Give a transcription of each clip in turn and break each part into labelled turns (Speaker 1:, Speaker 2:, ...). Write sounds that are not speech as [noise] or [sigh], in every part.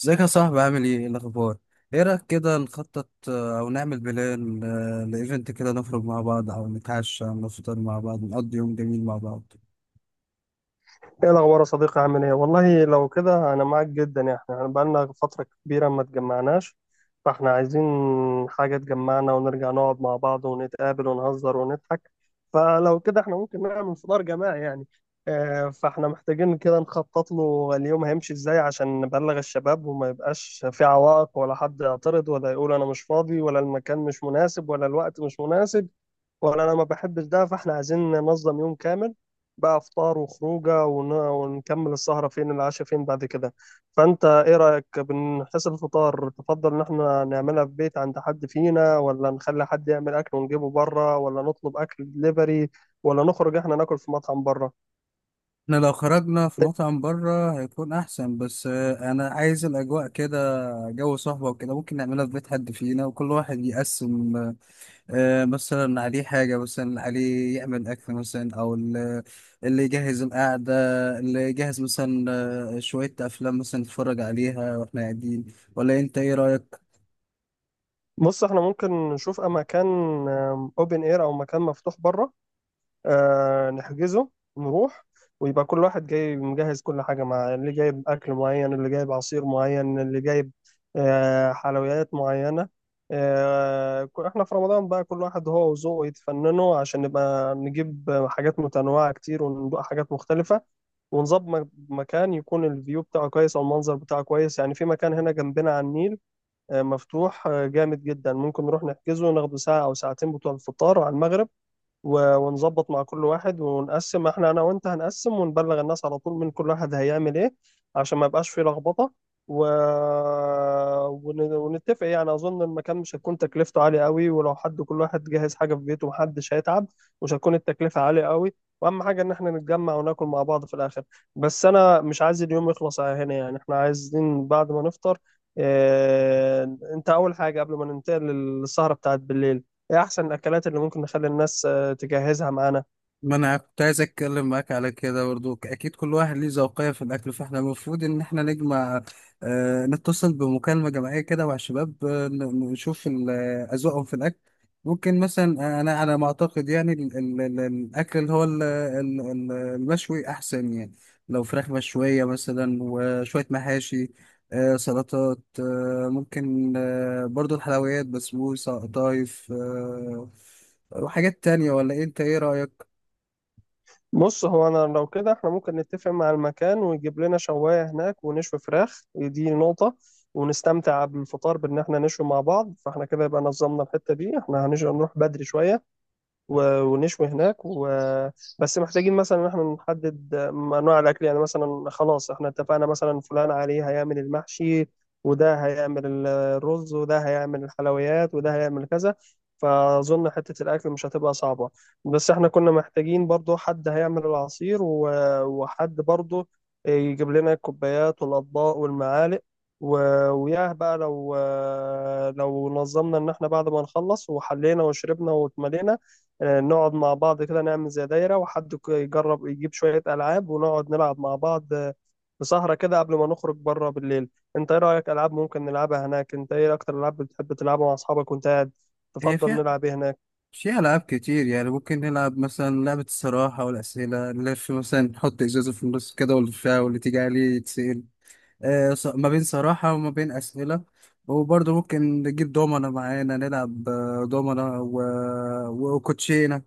Speaker 1: ازيك يا صاحبي؟ عامل ايه؟ ايه الاخبار؟ ايه رايك كده نخطط او نعمل بلان، لايفنت كده، نخرج مع بعض او نتعشى او نفطر مع بعض، نقضي يوم جميل مع بعض.
Speaker 2: ايه الاخبار يا صديقي، عامل ايه؟ والله لو كده انا معاك جدا، يعني احنا بقالنا فتره كبيره ما اتجمعناش. فاحنا عايزين حاجه تجمعنا ونرجع نقعد مع بعض ونتقابل ونهزر ونضحك. فلو كده احنا ممكن نعمل فطار جماعي يعني. فاحنا محتاجين كده نخطط له اليوم هيمشي ازاي عشان نبلغ الشباب وما يبقاش في عوائق ولا حد يعترض ولا يقول انا مش فاضي ولا المكان مش مناسب ولا الوقت مش مناسب. وانا انا ما بحبش ده، فاحنا عايزين ننظم يوم كامل بقى، فطار وخروجه ونكمل السهره فين، العشاء فين بعد كده. فانت ايه رايك؟ بنحس الفطار تفضل ان احنا نعملها في بيت عند حد فينا، ولا نخلي حد يعمل اكل ونجيبه بره، ولا نطلب اكل دليفري، ولا نخرج احنا ناكل في مطعم بره؟
Speaker 1: احنا لو خرجنا في مطعم بره هيكون احسن، بس انا عايز الاجواء كده، جو صحبه وكده. ممكن نعملها في بيت حد فينا وكل واحد يقسم، مثلا عليه حاجة، مثلا عليه يعمل أكل، مثلا أو اللي يجهز القعدة، اللي يجهز مثلا شوية أفلام مثلا نتفرج عليها وإحنا قاعدين. ولا أنت إيه رأيك؟
Speaker 2: بص احنا ممكن نشوف مكان اوبن اير او مكان مفتوح بره، نحجزه، نروح، ويبقى كل واحد جاي مجهز كل حاجة معاه، اللي جايب أكل معين، اللي جايب عصير معين، اللي جايب حلويات معينة. احنا في رمضان بقى، كل واحد هو وذوقه يتفننوا عشان نبقى نجيب حاجات متنوعة كتير وندوق حاجات مختلفة. ونظبط مكان يكون الفيو بتاعه كويس أو المنظر بتاعه كويس، يعني في مكان هنا جنبنا على النيل، مفتوح، جامد جدا. ممكن نروح نحجزه، ناخده ساعة أو ساعتين بتوع الفطار على المغرب. ونظبط مع كل واحد ونقسم، احنا انا وانت هنقسم ونبلغ الناس على طول من كل واحد هيعمل ايه عشان ما يبقاش فيه لخبطة. و... ونتفق، يعني اظن المكان مش هتكون تكلفته عالية قوي، ولو حد كل واحد جهز حاجة في بيته محدش هيتعب. مش هتكون التكلفة عالية قوي. واهم حاجة ان احنا نتجمع وناكل مع بعض في الاخر. بس انا مش عايز اليوم يخلص على هنا، يعني احنا عايزين بعد ما نفطر، اه... انت اول حاجة قبل ما ننتقل للسهرة بتاعت بالليل، ايه احسن الاكلات اللي ممكن نخلي الناس تجهزها معانا؟
Speaker 1: ما انا كنت عايز اتكلم معاك على كده برضو. اكيد كل واحد ليه ذوقية في الاكل، فاحنا المفروض ان احنا نجمع، آه، نتصل بمكالمة جماعية كده مع الشباب، نشوف اذواقهم في الاكل. ممكن مثلا، انا على ما اعتقد يعني ال ال ال الاكل اللي هو ال ال ال المشوي احسن يعني، لو فراخ مشوية مثلا وشوية محاشي، آه، سلطات، آه، ممكن آه برضو الحلويات، بسبوسة، قطايف، آه، وحاجات تانية. ولا إيه؟ انت ايه رأيك؟
Speaker 2: بص هو انا لو كده احنا ممكن نتفق مع المكان ويجيب لنا شواية هناك، ونشوي فراخ، دي نقطة. ونستمتع بالفطار بان احنا نشوي مع بعض، فاحنا كده يبقى نظمنا الحتة دي، احنا هنروح بدري شوية ونشوي هناك بس محتاجين مثلا ان احنا نحدد انواع الاكل، يعني مثلا خلاص احنا اتفقنا مثلا فلان عليه هيعمل المحشي، وده هيعمل الرز، وده هيعمل الحلويات، وده هيعمل كذا. فاظن حته الاكل مش هتبقى صعبه. بس احنا كنا محتاجين برضو حد هيعمل العصير، و... وحد برضو يجيب لنا الكوبايات والاطباق والمعالق. و... وياه بقى لو، لو نظمنا ان احنا بعد ما نخلص وحلينا وشربنا واتملينا، نقعد مع بعض كده نعمل زي دايرة، وحد يجرب يجيب شوية ألعاب ونقعد نلعب مع بعض في سهرة كده قبل ما نخرج بره بالليل. انت ايه رأيك؟ ألعاب ممكن نلعبها هناك، انت ايه أكتر ألعاب بتحب تلعبها مع أصحابك وانت قاعد؟
Speaker 1: هي
Speaker 2: تفضل
Speaker 1: فيها
Speaker 2: نلعب ايه هناك؟
Speaker 1: فيها ألعاب كتير يعني. ممكن نلعب مثلا لعبة الصراحة والأسئلة، نلف مثلا، نحط إزازة في النص كده ونلفها واللي تيجي عليه يتسأل ما بين صراحة وما بين أسئلة. وبرضه ممكن نجيب دومنة معانا، نلعب دومنة و... وكوتشينة،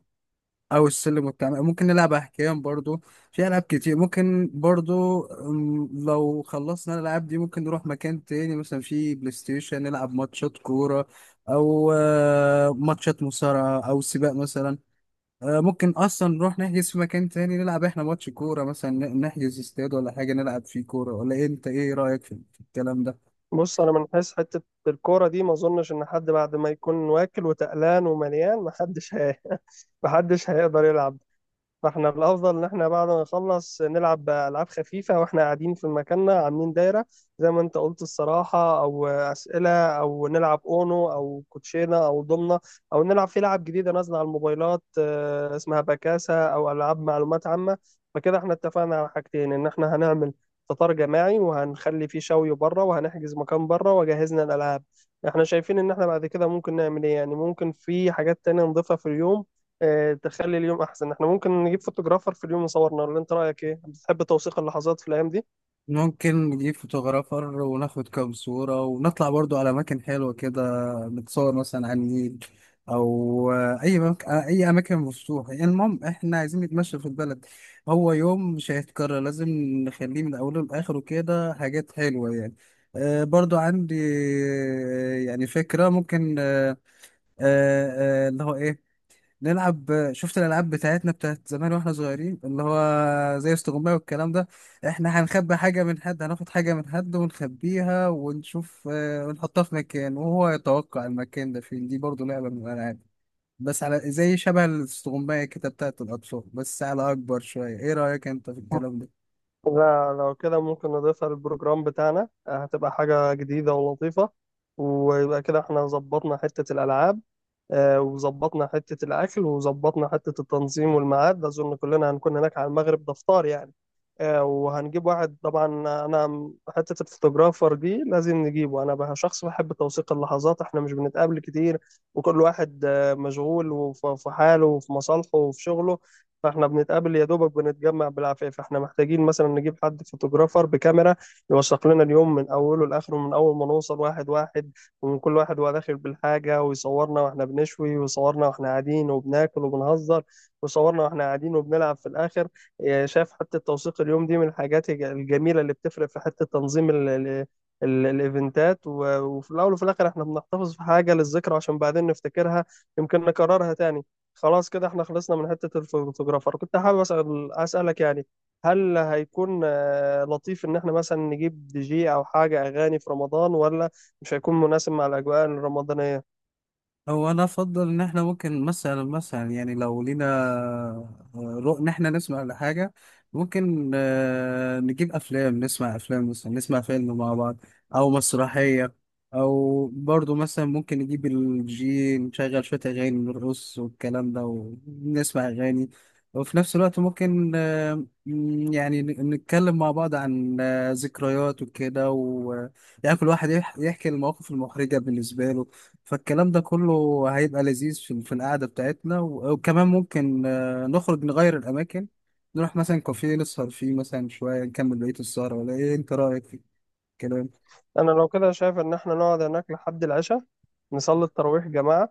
Speaker 1: او السلم والتعامل، ممكن نلعب احكام برضو. في العاب كتير. ممكن برضو، لو خلصنا الالعاب دي ممكن نروح مكان تاني، مثلا في بلاي ستيشن نلعب ماتشات كورة، او ماتشات مصارعة او سباق مثلا. ممكن اصلا نروح نحجز في مكان تاني نلعب احنا ماتش كورة مثلا، نحجز استاد ولا حاجة نلعب فيه كورة. ولا إيه؟ انت ايه رأيك في الكلام ده؟
Speaker 2: بص أنا من حيث حتة الكورة دي ما أظنش إن حد بعد ما يكون واكل وتقلان ومليان، محدش [laughs] محدش هيقدر يلعب. فاحنا الافضل ان احنا بعد ما نخلص نلعب بالعاب خفيفه واحنا قاعدين في مكاننا عاملين دايره، زي ما انت قلت الصراحه او اسئله، او نلعب اونو او كوتشينه او ضمنه، او نلعب في لعب جديده نازله على الموبايلات اسمها بكاسه، او العاب معلومات عامه. فكده احنا اتفقنا على حاجتين، ان احنا هنعمل فطار جماعي وهنخلي فيه شوي بره، وهنحجز مكان بره وجهزنا الالعاب. احنا شايفين ان احنا بعد كده ممكن نعمل ايه؟ يعني ممكن في حاجات تانية نضيفها في اليوم تخلي اليوم احسن. احنا ممكن نجيب فوتوغرافر في اليوم يصورنا، ولا انت رايك ايه؟ بتحب توثيق اللحظات في الايام دي؟
Speaker 1: ممكن نجيب فوتوغرافر وناخد كام صورة، ونطلع برضو على أماكن حلوة كده، نتصور مثلا على النيل، أو أي أي أماكن مفتوحة. يعني المهم إحنا عايزين نتمشى في البلد. هو يوم مش هيتكرر، لازم نخليه من أوله لآخره كده حاجات حلوة يعني. برضو عندي يعني فكرة، ممكن اللي هو إيه، نلعب، شفت الالعاب بتاعتنا بتاعت زمان واحنا صغيرين اللي هو زي استغماية والكلام ده. احنا هنخبي حاجه من حد، هناخد حاجه من حد ونخبيها ونشوف، ونحطها في مكان وهو يتوقع المكان ده فين. دي برضو لعبه من الالعاب، بس على زي شبه الاستغماية كده بتاعت الاطفال بس على اكبر شويه. ايه رايك انت في الكلام ده؟
Speaker 2: لا، لو كده ممكن نضيفها للبروجرام بتاعنا، هتبقى حاجه جديده ولطيفه. ويبقى كده احنا ظبطنا حته الالعاب، وظبطنا حتة الأكل، وظبطنا حتة التنظيم والميعاد. أظن كلنا هنكون هناك على المغرب، ده فطار يعني. وهنجيب واحد طبعا. أنا حتة الفوتوغرافر دي لازم نجيبه. أنا بقى شخص بحب توثيق اللحظات، إحنا مش بنتقابل كتير، وكل واحد مشغول في حاله وفي مصالحه وفي شغله. فإحنا بنتقابل يا دوبك، بنتجمع بالعافية. فإحنا محتاجين مثلا نجيب حد فوتوغرافر بكاميرا يوثق لنا اليوم من أوله لآخره، من أول ما نوصل واحد واحد، وكل واحد وهو داخل بالحاجة، ويصورنا واحنا بنشوي، ويصورنا واحنا قاعدين وبناكل وبنهزر، ويصورنا واحنا قاعدين وبنلعب في الآخر. إيه، شايف حتة توثيق اليوم دي من الحاجات الجميلة اللي بتفرق في حتة تنظيم الايفنتات، وفي الاول وفي الاخر احنا بنحتفظ في حاجه للذكرى عشان بعدين نفتكرها، يمكن نكررها تاني. خلاص كده احنا خلصنا من حته الفوتوغرافر. كنت حابب اسالك يعني، هل هيكون لطيف ان احنا مثلا نجيب دي جي او حاجه اغاني في رمضان، ولا مش هيكون مناسب مع الأجواء الرمضانية؟
Speaker 1: هو انا افضل ان احنا ممكن مثلا، يعني لو لينا آه، رؤ ان احنا نسمع لحاجه، ممكن نجيب افلام، نسمع افلام مثلا، نسمع فيلم مع بعض او مسرحيه، او برضو مثلا ممكن نجيب الجي نشغل شويه اغاني، نرقص والكلام ده ونسمع اغاني. وفي نفس الوقت ممكن يعني نتكلم مع بعض عن ذكريات وكده، و يعني كل واحد يحكي المواقف المحرجه بالنسبه له. فالكلام ده كله هيبقى لذيذ في القعدة بتاعتنا. وكمان ممكن نخرج نغير الأماكن، نروح مثلا كافيه نسهر فيه مثلا شوية نكمل بقية السهرة. ولا إيه أنت رأيك في الكلام؟
Speaker 2: أنا لو كده شايف إن إحنا نقعد هناك لحد العشاء، نصلي التراويح جماعة.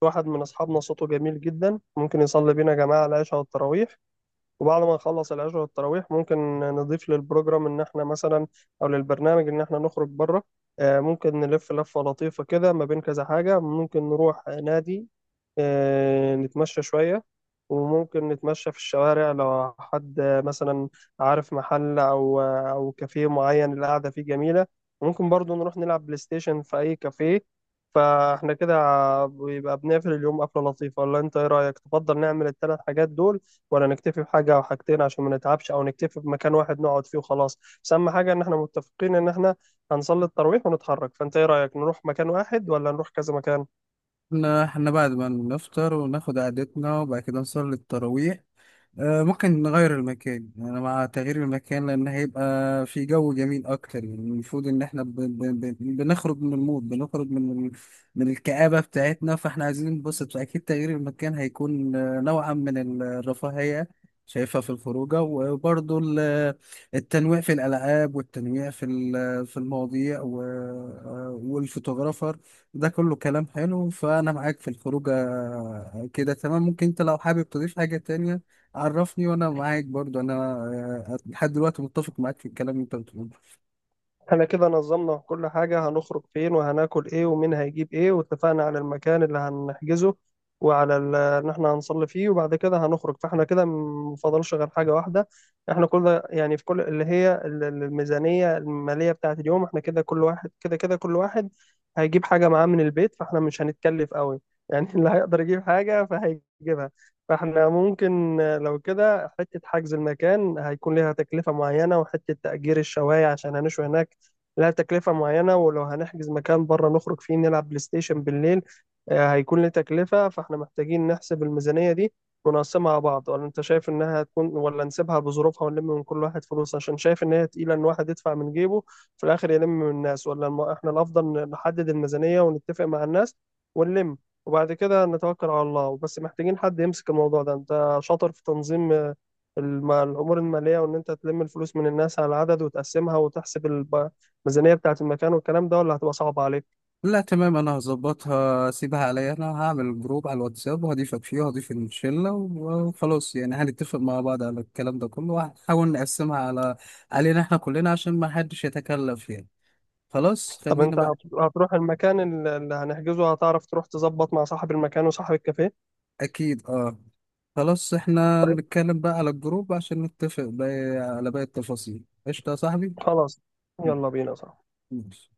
Speaker 2: في واحد من أصحابنا صوته جميل جدا، ممكن يصلي بينا جماعة العشاء والتراويح. وبعد ما نخلص العشاء والتراويح ممكن نضيف للبروجرام ان احنا مثلا، او للبرنامج ان احنا نخرج بره، ممكن نلف لفة لطيفة كده ما بين كذا حاجة. ممكن نروح نادي، نتمشى شوية، وممكن نتمشى في الشوارع لو حد مثلا عارف محل او كافيه معين القعدة فيه جميلة. ممكن برضو نروح نلعب بلاي ستيشن في اي كافيه. فاحنا كده بيبقى بنقفل اليوم قفلة لطيفة. ولا انت ايه رأيك؟ تفضل نعمل الثلاث حاجات دول، ولا نكتفي بحاجة أو حاجتين عشان ما نتعبش، أو نكتفي بمكان واحد نقعد فيه وخلاص؟ بس أهم حاجة إن إحنا متفقين إن إحنا هنصلي التراويح ونتحرك. فأنت إيه رأيك، نروح مكان واحد ولا نروح كذا مكان؟
Speaker 1: إحنا بعد ما نفطر وناخد قعدتنا وبعد كده نصلي التراويح، ممكن نغير المكان. انا مع تغيير المكان، لان هيبقى في جو جميل اكتر. يعني المفروض ان احنا بنخرج من المود، بنخرج من من الكآبة بتاعتنا. فاحنا عايزين ننبسط، فاكيد تغيير المكان هيكون نوعا من الرفاهية شايفها في الخروجة. وبرضه التنويع في الألعاب، والتنويع في في المواضيع، و... آه، والفوتوغرافر، ده كله كلام حلو. فأنا معاك في الخروجة كده تمام. ممكن أنت لو حابب تضيف حاجة تانية عرفني، وانا معاك برضو. انا لحد دلوقتي متفق معاك في الكلام اللي انت بتقوله.
Speaker 2: احنا كده نظمنا كل حاجة، هنخرج فين وهناكل ايه ومين هيجيب ايه، واتفقنا على المكان اللي هنحجزه وعلى ان احنا هنصلي فيه وبعد كده هنخرج. فاحنا كده مفضلش غير حاجة واحدة. احنا كل ده يعني، في كل اللي هي الميزانية المالية بتاعة اليوم. احنا كده كل واحد كده كل واحد هيجيب حاجة معاه من البيت، فاحنا مش هنتكلف قوي يعني. [laughs] اللي هيقدر يجيب حاجة فهيجيبها. فاحنا ممكن لو كده، حتة حجز المكان هيكون ليها تكلفة معينة، وحتة تأجير الشواية عشان هنشوي هناك لها تكلفة معينة، ولو هنحجز مكان بره نخرج فيه نلعب بلاي ستيشن بالليل، هيكون له تكلفة. فاحنا محتاجين نحسب الميزانية دي ونقسمها على بعض، ولا انت شايف انها هتكون، ولا نسيبها بظروفها ونلم من كل واحد فلوس؟ عشان شايف ان هي تقيلة ان واحد يدفع من جيبه في الاخر يلم من الناس، ولا احنا الافضل نحدد الميزانية ونتفق مع الناس ونلم وبعد كده نتوكل على الله. بس محتاجين حد يمسك الموضوع ده. انت شاطر في تنظيم الأمور المالية، وإن أنت تلم الفلوس من الناس على العدد وتقسمها وتحسب الميزانية بتاعة المكان والكلام ده، ولا هتبقى صعبة عليك؟
Speaker 1: لا، تمام. انا هظبطها، سيبها عليا. انا هعمل جروب على الواتساب وهضيفك فيه وهضيف الشله، وخلاص يعني هنتفق مع بعض على الكلام ده كله، وهنحاول نقسمها على علينا احنا كلنا عشان ما حدش يتكلف يعني. خلاص،
Speaker 2: طب
Speaker 1: خلينا
Speaker 2: أنت
Speaker 1: بقى.
Speaker 2: هتروح المكان اللي هنحجزه، هتعرف تروح تظبط مع صاحب المكان وصاحب الكافيه؟
Speaker 1: اكيد، اه. خلاص، احنا
Speaker 2: طيب.
Speaker 1: نتكلم بقى على الجروب عشان نتفق بقى على باقي التفاصيل. قشطه يا صاحبي.
Speaker 2: خلاص. يلا بينا، صح؟
Speaker 1: ماشي.